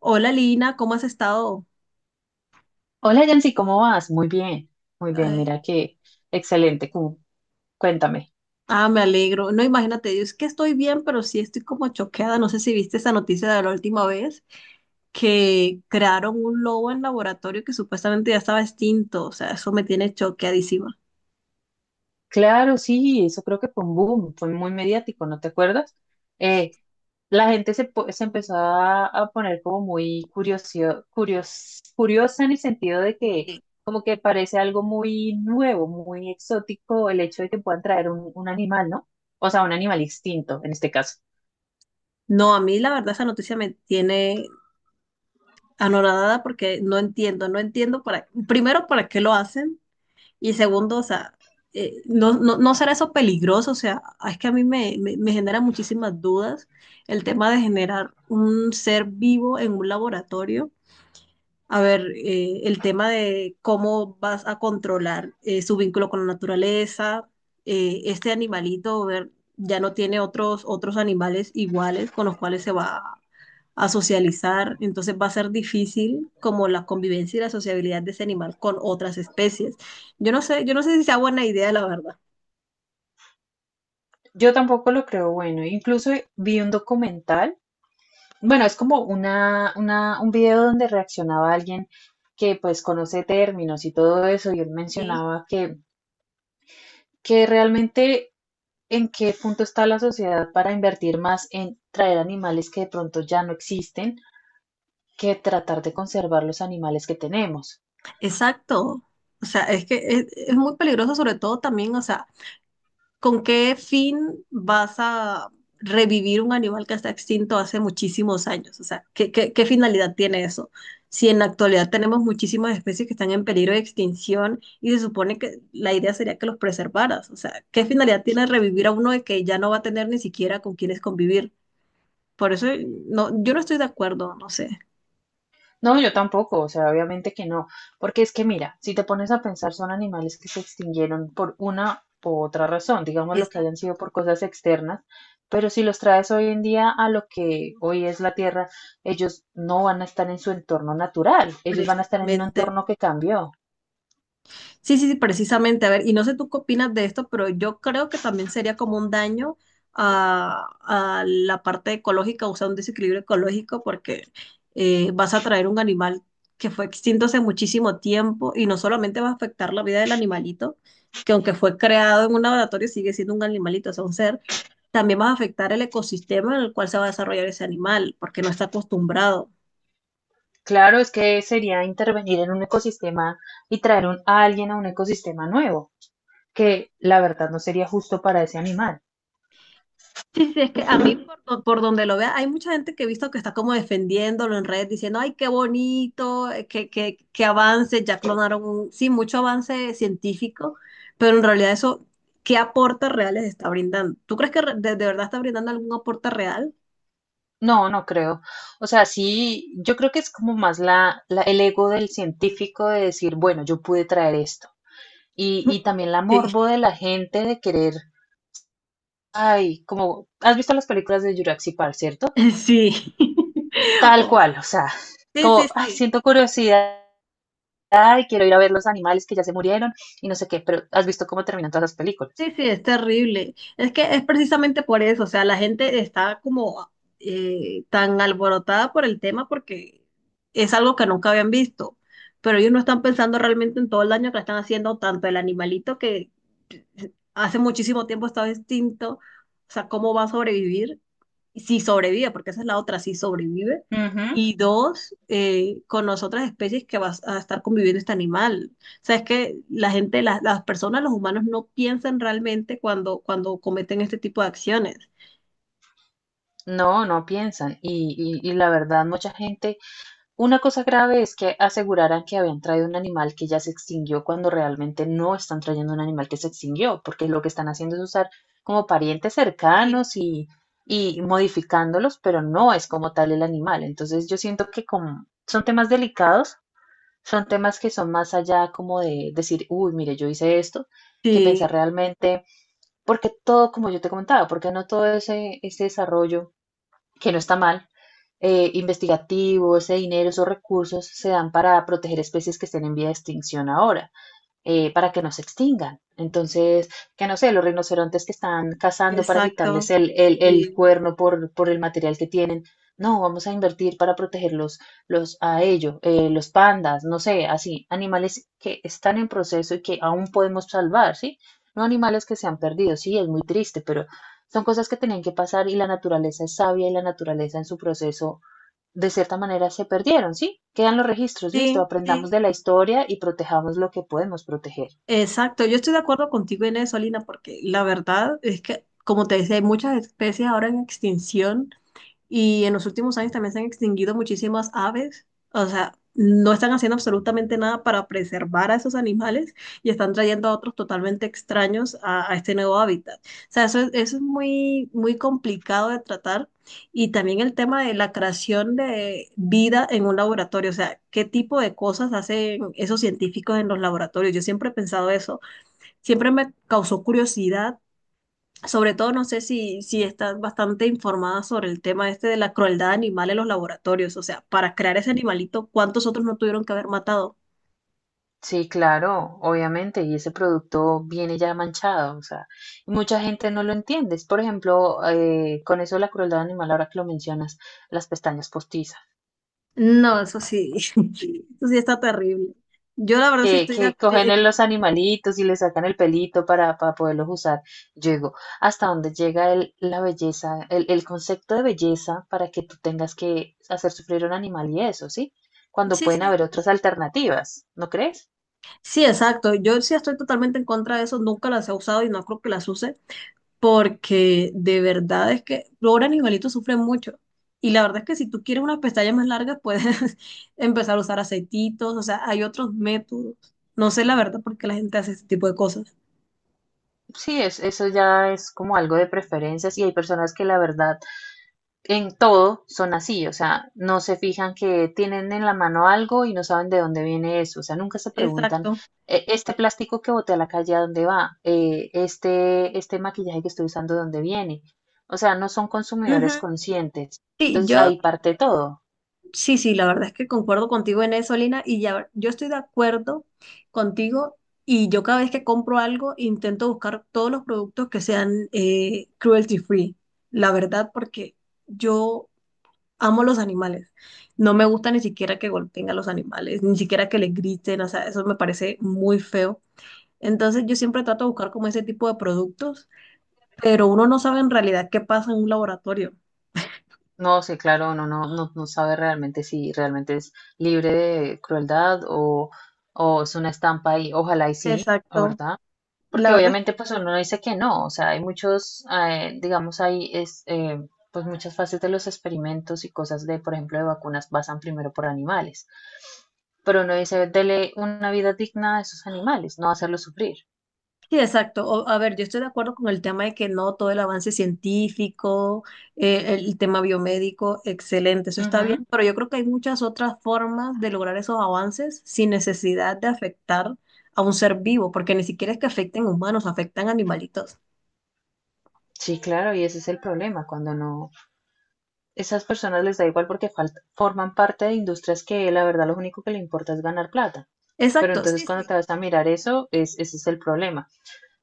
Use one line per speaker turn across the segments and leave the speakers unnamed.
Hola Lina, ¿cómo has estado?
Hola Yancy, ¿cómo vas? Muy bien,
Ay,
mira que excelente, cuéntame.
ah, me alegro. No, imagínate, yo es que estoy bien, pero sí estoy como choqueada. No sé si viste esa noticia de la última vez, que crearon un lobo en laboratorio que supuestamente ya estaba extinto. O sea, eso me tiene choqueadísima.
Claro, sí, eso creo que fue un boom, fue muy mediático, ¿no te acuerdas? Eh, la gente se empezó a poner como muy curiosa en el sentido de que
Sí.
como que parece algo muy nuevo, muy exótico el hecho de que puedan traer un animal, ¿no? O sea, un animal extinto en este caso.
No, a mí la verdad esa noticia me tiene anonadada porque no entiendo, no entiendo para, primero, para qué lo hacen. Y segundo, o sea, no, no, ¿no será eso peligroso? O sea, es que a mí me genera muchísimas dudas el tema de generar un ser vivo en un laboratorio. A ver, el tema de cómo vas a controlar su vínculo con la naturaleza, este animalito, ver, ya no tiene otros animales iguales con los cuales se va a socializar, entonces va a ser difícil como la convivencia y la sociabilidad de ese animal con otras especies. Yo no sé si sea buena idea, la verdad.
Yo tampoco lo creo bueno, incluso vi un documental. Bueno, es como un video donde reaccionaba alguien que pues conoce términos y todo eso, y él
Sí.
mencionaba que realmente en qué punto está la sociedad para invertir más en traer animales que de pronto ya no existen que tratar de conservar los animales que tenemos.
Exacto. O sea, es que es muy peligroso, sobre todo también, o sea, ¿con qué fin vas a revivir un animal que está extinto hace muchísimos años? O sea, ¿ qué finalidad tiene eso? Si en la actualidad tenemos muchísimas especies que están en peligro de extinción y se supone que la idea sería que los preservaras. O sea, ¿qué finalidad tiene revivir a uno de que ya no va a tener ni siquiera con quienes convivir? Por eso no, yo no estoy de acuerdo, no sé.
No, yo tampoco, o sea, obviamente que no, porque es que mira, si te pones a pensar, son animales que se extinguieron por una u otra razón, digamos lo que hayan
Exacto,
sido por cosas externas, pero si los traes hoy en día a lo que hoy es la Tierra, ellos no van a estar en su entorno natural, ellos van a estar en un
precisamente.
entorno que cambió.
Sí, sí, sí, precisamente. A ver, y no sé tú qué opinas de esto, pero yo creo que también sería como un daño a, a la parte ecológica, o sea, un desequilibrio ecológico, porque vas a traer un animal que fue extinto hace muchísimo tiempo y no solamente va a afectar la vida del animalito, que aunque fue creado en un laboratorio sigue siendo un animalito, o sea, un ser, también vas a afectar el ecosistema en el cual se va a desarrollar ese animal, porque no está acostumbrado.
Claro, es que sería intervenir en un ecosistema y a alguien a un ecosistema nuevo, que la verdad no sería justo para ese animal.
Sí, sí, es que a mí por, por donde lo vea, hay mucha gente que he visto que está como defendiéndolo en redes, diciendo, ay, qué bonito, qué avance, ya clonaron, sí, mucho avance científico, pero en realidad eso, ¿qué aporte reales está brindando? ¿Tú crees que de verdad está brindando algún aporte real?
No, no creo. O sea, sí, yo creo que es como más el ego del científico de decir, bueno, yo pude traer esto. Y también la
Sí,
morbo de la gente de querer, ay, como, ¿has visto las películas de Jurassic Park, cierto?
sí.
Tal
Oh,
cual, o sea,
sí, sí,
como, ay,
sí.
siento curiosidad, ay, quiero ir a ver los animales que ya se murieron y no sé qué, pero ¿has visto cómo terminan todas las películas?
Sí, sí, es terrible. Es que es precisamente por eso, o sea, la gente está como tan alborotada por el tema porque es algo que nunca habían visto, pero ellos no están pensando realmente en todo el daño que le están haciendo tanto el animalito que hace muchísimo tiempo estaba extinto, o sea, cómo va a sobrevivir, si sobrevive, porque esa es la otra, si sobrevive,
Ujú.
y dos, con las otras especies que va a estar conviviendo este animal. O sea, es que la gente, las personas, los humanos no piensan realmente cuando cometen este tipo de acciones.
No, no piensan. Y la verdad, mucha gente. Una cosa grave es que aseguraran que habían traído un animal que ya se extinguió cuando realmente no están trayendo un animal que se extinguió, porque lo que están haciendo es usar como parientes
Sí.
cercanos y modificándolos, pero no es como tal el animal. Entonces yo siento que como son temas delicados, son temas que son más allá como de decir, uy, mire, yo hice esto, que pensar
Sí,
realmente, porque todo, como yo te comentaba, porque no todo ese desarrollo, que no está mal, investigativo, ese dinero, esos recursos se dan para proteger especies que estén en vía de extinción ahora, para que no se extingan. Entonces, que no sé, los rinocerontes que están cazando para quitarles
exacto.
el
Sí,
cuerno por el material que tienen. No, vamos a invertir para protegerlos los pandas, no sé, así, animales que están en proceso y que aún podemos salvar, ¿sí? No animales que se han perdido, sí, es muy triste, pero son cosas que tenían que pasar y la naturaleza es sabia y la naturaleza en su proceso de cierta manera se perdieron, ¿sí? Quedan los registros, listo,
sí, sí,
aprendamos de la historia y protejamos lo que podemos proteger.
exacto. Yo estoy de acuerdo contigo en eso, Alina, porque la verdad es que, como te decía, hay muchas especies ahora en extinción. Y en los últimos años también se han extinguido muchísimas aves. O sea, no están haciendo absolutamente nada para preservar a esos animales y están trayendo a otros totalmente extraños a este nuevo hábitat. O sea, eso es muy, muy complicado de tratar. Y también el tema de la creación de vida en un laboratorio. O sea, ¿qué tipo de cosas hacen esos científicos en los laboratorios? Yo siempre he pensado eso. Siempre me causó curiosidad sobre todo, no sé si estás bastante informada sobre el tema este de la crueldad animal en los laboratorios. O sea, para crear ese animalito, ¿cuántos otros no tuvieron que haber matado?
Sí, claro, obviamente, y ese producto viene ya manchado, o sea, y mucha gente no lo entiende. Es, por ejemplo, con eso de la crueldad animal, ahora que lo mencionas, las pestañas postizas.
No, eso sí, eso sí está terrible. Yo la verdad sí estoy de
Que cogen en los animalitos y le sacan el pelito para poderlos usar. Yo digo, hasta dónde llega la belleza, el concepto de belleza para que tú tengas que hacer sufrir a un animal y eso, ¿sí? Cuando
Sí,
pueden
sí.
haber otras alternativas, ¿no crees?
Sí, exacto. Yo sí estoy totalmente en contra de eso. Nunca las he usado y no creo que las use. Porque de verdad es que ahora pobre animalito sufre mucho. Y la verdad es que si tú quieres unas pestañas más largas, puedes empezar a usar aceititos, o sea, hay otros métodos. No sé la verdad por qué la gente hace este tipo de cosas.
Sí, es, eso ya es como algo de preferencias y hay personas que la verdad en todo son así, o sea, no se fijan que tienen en la mano algo y no saben de dónde viene eso, o sea, nunca se preguntan,
Exacto.
Este plástico que boté a la calle, ¿a dónde va? Este maquillaje que estoy usando, ¿de dónde viene? O sea, no son
Ujú.
consumidores conscientes.
Sí,
Entonces,
yo,
ahí parte todo.
sí, sí, la verdad es que concuerdo contigo en eso, Lina, y ya, yo estoy de acuerdo contigo y yo cada vez que compro algo intento buscar todos los productos que sean cruelty free, la verdad, porque yo amo los animales. No me gusta ni siquiera que golpeen a los animales, ni siquiera que les griten, o sea, eso me parece muy feo. Entonces yo siempre trato de buscar como ese tipo de productos, pero uno no sabe en realidad qué pasa en un laboratorio.
No sé, claro, uno no sabe realmente si realmente es libre de crueldad o es una estampa y ojalá y sí,
Exacto.
¿verdad?
La
Porque
verdad
obviamente pues uno dice que no, o sea, hay muchos, digamos, pues muchas fases de los experimentos y cosas de, por ejemplo, de vacunas basan primero por animales. Pero uno dice, dele una vida digna a esos animales, no hacerlos sufrir.
sí, exacto. O- a ver, yo estoy de acuerdo con el tema de que no todo el avance científico, el tema biomédico, excelente, eso está bien,
Ujú.
pero yo creo que hay muchas otras formas de lograr esos avances sin necesidad de afectar a un ser vivo, porque ni siquiera es que afecten humanos, afectan animalitos.
Sí, claro, y ese es el problema, cuando no, esas personas les da igual porque forman parte de industrias que la verdad lo único que le importa es ganar plata. Pero
Exacto,
entonces
sí,
cuando
sí.
te vas a mirar eso, es, ese es el problema.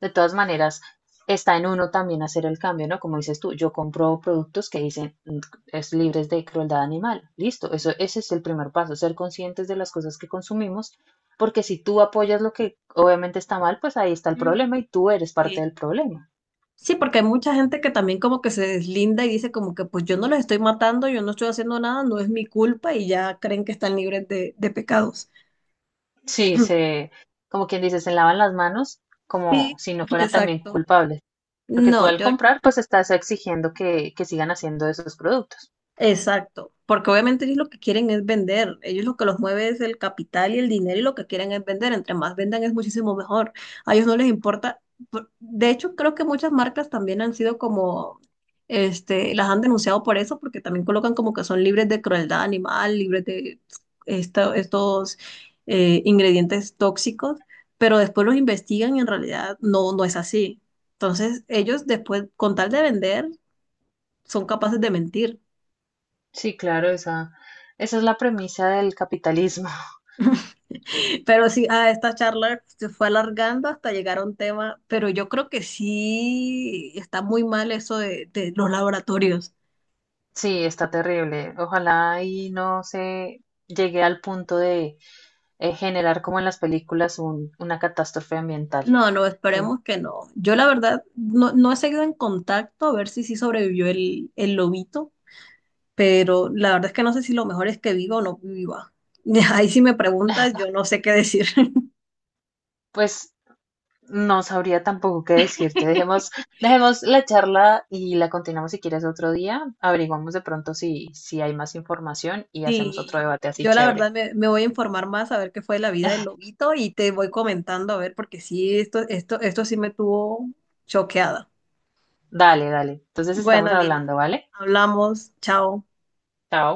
De todas maneras, está en uno también hacer el cambio, ¿no? Como dices tú, yo compro productos que dicen es libres de crueldad animal. Listo, eso, ese es el primer paso, ser conscientes de las cosas que consumimos, porque si tú apoyas lo que obviamente está mal, pues ahí está el
Mm.
problema y tú eres parte
Sí.
del problema.
Sí, porque hay mucha gente que también como que se deslinda y dice como que pues yo no los estoy matando, yo no estoy haciendo nada, no es mi culpa y ya creen que están libres de pecados.
Sí, se, como quien dice, se lavan las manos como
Sí,
si no fueran también
exacto.
culpables, porque tú
No,
al
yo,
comprar, pues estás exigiendo que sigan haciendo esos productos.
exacto, porque obviamente ellos lo que quieren es vender, ellos lo que los mueve es el capital y el dinero y lo que quieren es vender, entre más vendan es muchísimo mejor, a ellos no les importa, por- de hecho creo que muchas marcas también han sido como, este, las han denunciado por eso, porque también colocan como que son libres de crueldad animal, libres de estos ingredientes tóxicos, pero después los investigan y en realidad no, no es así, entonces ellos después, con tal de vender, son capaces de mentir.
Sí, claro, esa es la premisa del capitalismo.
Pero sí, ah, esta charla se fue alargando hasta llegar a un tema, pero yo creo que sí está muy mal eso de los laboratorios.
Sí, está terrible. Ojalá y no se llegue al punto de generar como en las películas una catástrofe ambiental.
No, no,
Entonces,
esperemos que no. Yo la verdad no, no he seguido en contacto a ver si sí sobrevivió el lobito, pero la verdad es que no sé si lo mejor es que viva o no viva. Ahí si me preguntas, yo no sé qué decir.
pues no sabría tampoco qué decirte. Dejemos, dejemos la charla y la continuamos si quieres otro día. Averiguamos de pronto si, si hay más información y hacemos otro
Sí,
debate así
yo la verdad
chévere.
me, me voy a informar más a ver qué fue la vida del lobito y te voy comentando a ver, porque sí, esto sí me tuvo choqueada.
Dale, dale. Entonces estamos
Bueno, Lina,
hablando, ¿vale?
hablamos, chao.
Chao.